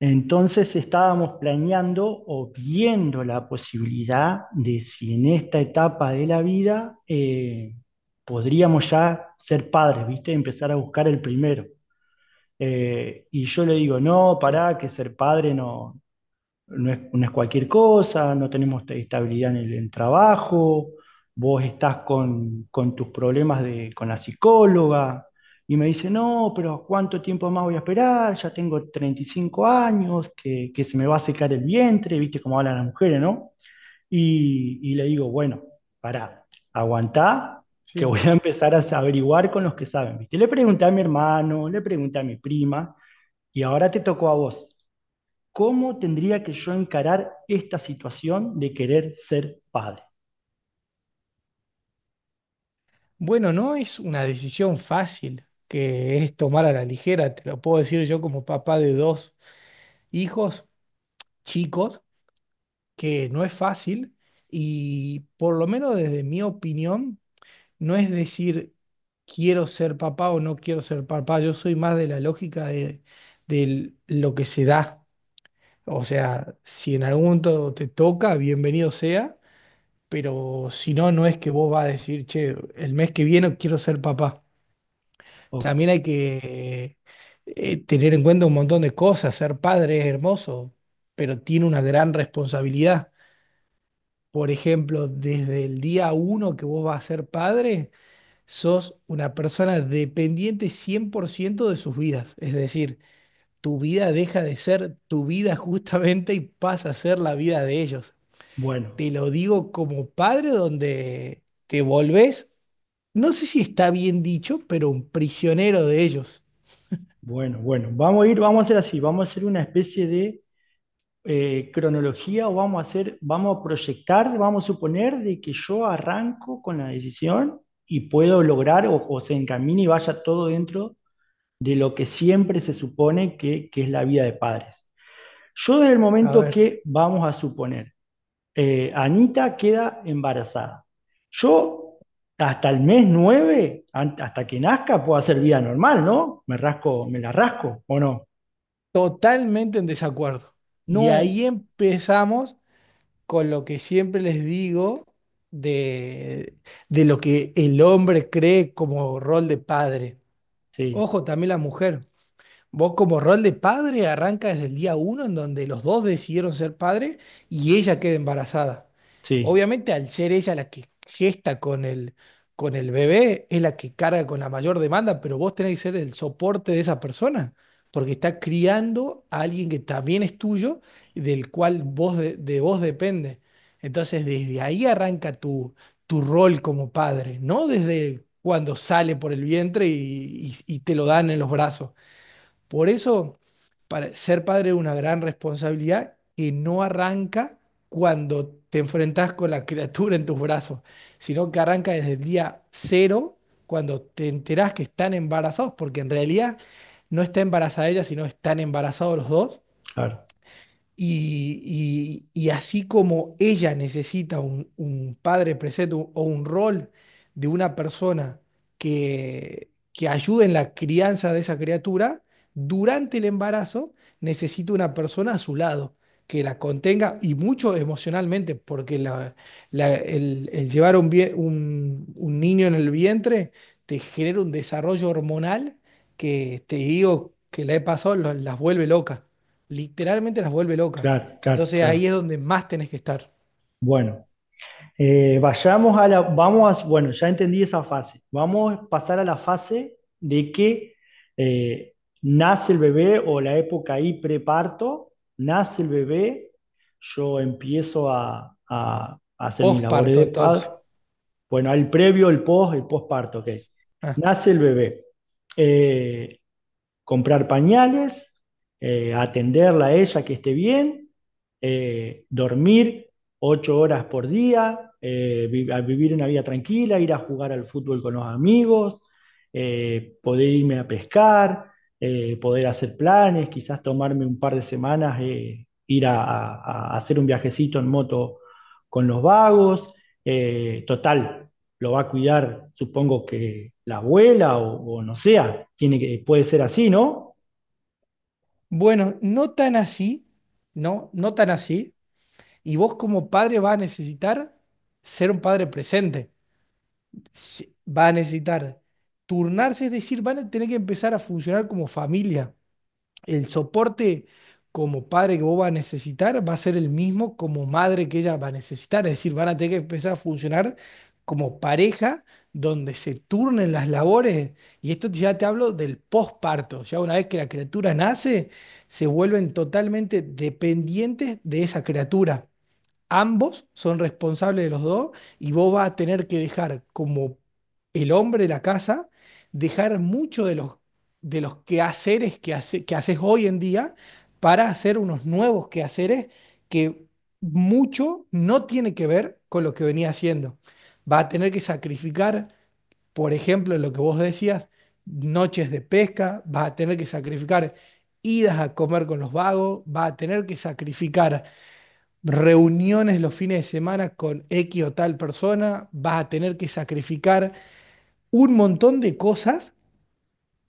Entonces estábamos planeando o viendo la posibilidad de si en esta etapa de la vida podríamos ya ser padres, ¿viste? Empezar a buscar el primero. Y yo le digo, no, Sí, pará, que ser padre no, no es cualquier cosa, no tenemos estabilidad en el en trabajo, vos estás con tus problemas de, con la psicóloga, y me dice, no, pero ¿cuánto tiempo más voy a esperar? Ya tengo 35 años, que se me va a secar el vientre, viste cómo hablan las mujeres, ¿no? Y le digo, bueno, pará, aguantá, que sí. voy a empezar a averiguar con los que saben, viste. Le pregunté a mi hermano, le pregunté a mi prima, y ahora te tocó a vos. ¿Cómo tendría que yo encarar esta situación de querer ser padre? Bueno, no es una decisión fácil que es tomar a la ligera, te lo puedo decir yo como papá de dos hijos chicos, que no es fácil y por lo menos desde mi opinión, no es decir quiero ser papá o no quiero ser papá, yo soy más de la lógica de lo que se da. O sea, si en algún momento te toca, bienvenido sea, pero si no, no es que vos vas a decir, che, el mes que viene quiero ser papá. Ok, También hay que tener en cuenta un montón de cosas. Ser padre es hermoso, pero tiene una gran responsabilidad. Por ejemplo, desde el día uno que vos vas a ser padre, sos una persona dependiente 100% de sus vidas. Es decir, tu vida deja de ser tu vida justamente y pasa a ser la vida de ellos. bueno, Te lo digo como padre donde te volvés, no sé si está bien dicho, pero un prisionero de ellos. Bueno. Vamos a ir, vamos a hacer así, vamos a hacer una especie de cronología o vamos a hacer, vamos a proyectar, vamos a suponer de que yo arranco con la decisión y puedo lograr o se encamine y vaya todo dentro de lo que siempre se supone que es la vida de padres. Yo desde el A momento ver. que vamos a suponer Anita queda embarazada. Yo hasta el mes 9, hasta que nazca, puedo hacer vida normal, ¿no? Me rasco, me la rasco, ¿o no? Totalmente en desacuerdo. Y ahí No, empezamos con lo que siempre les digo de, de lo que el hombre cree como rol de padre. sí, Ojo, también la mujer. Vos como rol de padre arranca desde el día uno en donde los dos decidieron ser padres y ella queda embarazada. sí, Obviamente al ser ella la que gesta con el bebé, es la que carga con la mayor demanda, pero vos tenés que ser el soporte de esa persona, porque está criando a alguien que también es tuyo, del cual vos de vos depende. Entonces desde ahí arranca tu, tu rol como padre, no desde cuando sale por el vientre y te lo dan en los brazos. Por eso, para ser padre es una gran responsabilidad que no arranca cuando te enfrentas con la criatura en tus brazos, sino que arranca desde el día cero, cuando te enterás que están embarazados, porque en realidad no está embarazada ella, sino están embarazados los dos. claro, Y, y así como ella necesita un padre presente o un rol de una persona que ayude en la crianza de esa criatura, durante el embarazo necesita una persona a su lado que la contenga y mucho emocionalmente, porque el llevar un niño en el vientre te genera un desarrollo hormonal que te digo que la he pasado, las vuelve locas literalmente las vuelve locas. claro, claro, Entonces ahí claro. es donde más tenés que estar. Bueno, vayamos a la, vamos a, bueno, ya entendí esa fase. Vamos a pasar a la fase de que eh, nace el bebé o la época ahí preparto, nace el bebé, yo empiezo a, a hacer mis labores Posparto de padre. entonces. Bueno, el previo, el post, el postparto, ok. Ah, Nace el bebé. Eh, comprar pañales, atenderla a ella que esté bien, dormir 8 horas por día, a vivir una vida tranquila, ir a jugar al fútbol con los amigos, poder irme a pescar, poder hacer planes, quizás tomarme un par de semanas, ir a, a hacer un viajecito en moto con los vagos. Total, lo va a cuidar, supongo que la abuela o no sea, tiene que, puede ser así, ¿no? bueno, no tan así, no, no tan así. Y vos como padre vas a necesitar ser un padre presente. Va a necesitar turnarse, es decir, van a tener que empezar a funcionar como familia. El soporte como padre que vos vas a necesitar va a ser el mismo como madre que ella va a necesitar. Es decir, van a tener que empezar a funcionar como pareja donde se turnen las labores. Y esto ya te hablo del posparto. Ya una vez que la criatura nace, se vuelven totalmente dependientes de esa criatura. Ambos son responsables de los dos y vos vas a tener que dejar como el hombre de la casa, dejar mucho de los quehaceres que, que haces hoy en día para hacer unos nuevos quehaceres que mucho no tiene que ver con lo que venía haciendo. Va a tener que sacrificar, por ejemplo, lo que vos decías, noches de pesca, va a tener que sacrificar idas a comer con los vagos, va a tener que sacrificar reuniones los fines de semana con X o tal persona, vas a tener que sacrificar un montón de cosas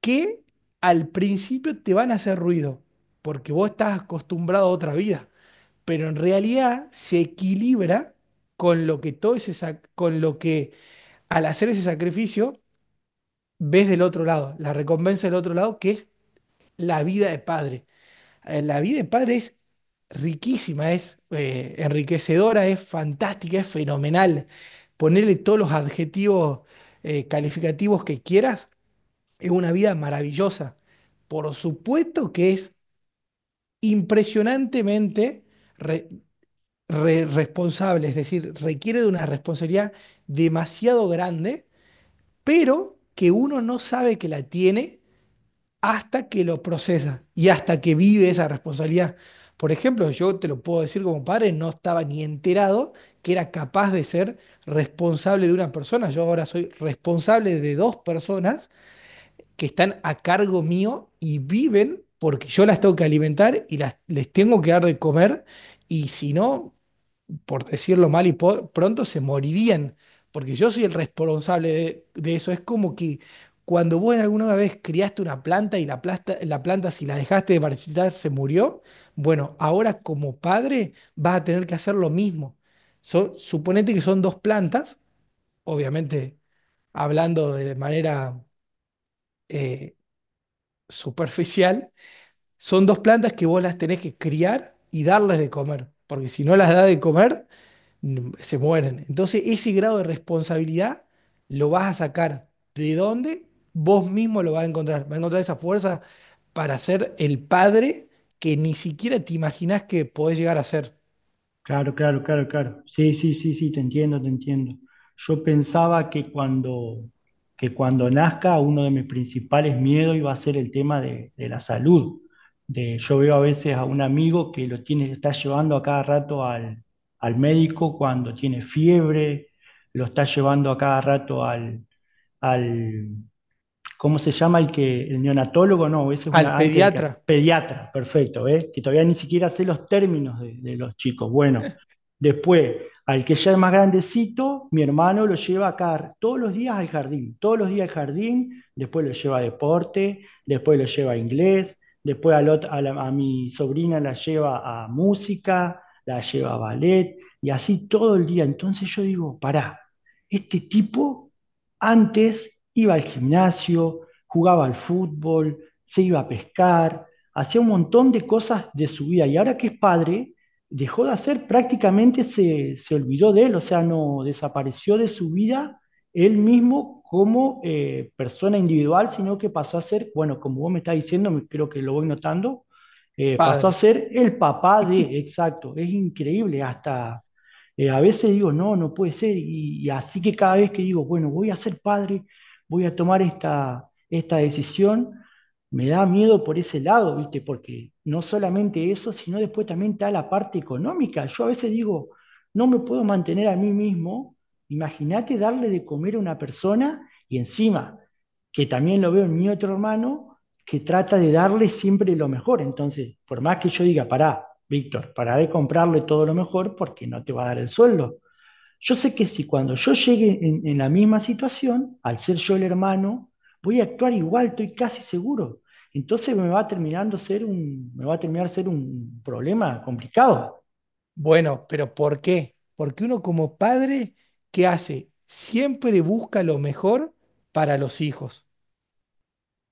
que al principio te van a hacer ruido, porque vos estás acostumbrado a otra vida, pero en realidad se equilibra con lo que todo ese con lo que al hacer ese sacrificio ves del otro lado, la recompensa del otro lado que es la vida de padre. La vida de padre es riquísima, es enriquecedora, es fantástica, es fenomenal. Ponerle todos los adjetivos calificativos que quieras, es una vida maravillosa. Por supuesto que es impresionantemente re- responsable, es decir, requiere de una responsabilidad demasiado grande, pero que uno no sabe que la tiene hasta que lo procesa y hasta que vive esa responsabilidad. Por ejemplo, yo te lo puedo decir como padre, no estaba ni enterado que era capaz de ser responsable de una persona. Yo ahora soy responsable de dos personas que están a cargo mío y viven porque yo las tengo que alimentar y las, les tengo que dar de comer. Y si no, por decirlo mal y pronto, se morirían, porque yo soy el responsable de eso. Es como que cuando vos en alguna vez criaste una planta y la planta si la dejaste de marchitar se murió, bueno, ahora como padre vas a tener que hacer lo mismo. Suponete que son dos plantas, obviamente hablando de manera eh, superficial, son dos plantas que vos las tenés que criar y darles de comer, porque si no las das de comer, se mueren. Entonces, ese grado de responsabilidad lo vas a sacar. ¿De dónde? Vos mismo lo vas a encontrar. Vas a encontrar esa fuerza para ser el padre que ni siquiera te imaginás que podés llegar a ser. Claro, claro, claro, claro. Sí, sí, sí, sí, te entiendo, te entiendo. Yo pensaba que cuando nazca uno de mis principales miedos iba a ser el tema de la salud. De, yo veo a veces a un amigo que lo tiene, está llevando a cada rato al, al médico cuando tiene fiebre, lo está llevando a cada rato al, ¿cómo se llama el que, el neonatólogo? No, ese es Al una antes de que, pediatra, pediatra, perfecto, ¿eh? Que todavía ni siquiera sé los términos de los chicos. Bueno, después, al que ya es más grandecito, mi hermano lo lleva acá todos los días al jardín, todos los días al jardín, después lo lleva a deporte, después lo lleva a inglés, después al otro- a, la- a mi sobrina la lleva a música, la lleva a ballet, y así todo el día. Entonces yo digo, pará, este tipo antes iba al gimnasio, jugaba al fútbol, se iba a pescar, hacía un montón de cosas de su vida y ahora que es padre, dejó de hacer, prácticamente se olvidó de él, o sea, no desapareció de su vida él mismo como persona individual, sino que pasó a ser, bueno, como vos me estás diciendo, creo que lo voy notando, pasó a padre. ser el papá de, exacto, es increíble, hasta a veces digo, no, no puede ser, y así que cada vez que digo, bueno, voy a ser padre, voy a tomar esta decisión, me da miedo por ese lado, ¿viste? Porque no solamente eso, sino después también está la parte económica. Yo a veces digo, no me puedo mantener a mí mismo, imagínate darle de comer a una persona y encima, que también lo veo en mi otro hermano, que trata de darle siempre lo mejor. Entonces, por más que yo diga, pará, Víctor, pará de comprarle todo lo mejor porque no te va a dar el sueldo. Yo sé que si cuando yo llegue en la misma situación, al ser yo el hermano, voy a actuar igual, estoy casi seguro. Entonces me va a terminar ser un problema complicado. Bueno, pero ¿por qué? Porque uno como padre, ¿qué hace? Siempre busca lo mejor para los hijos.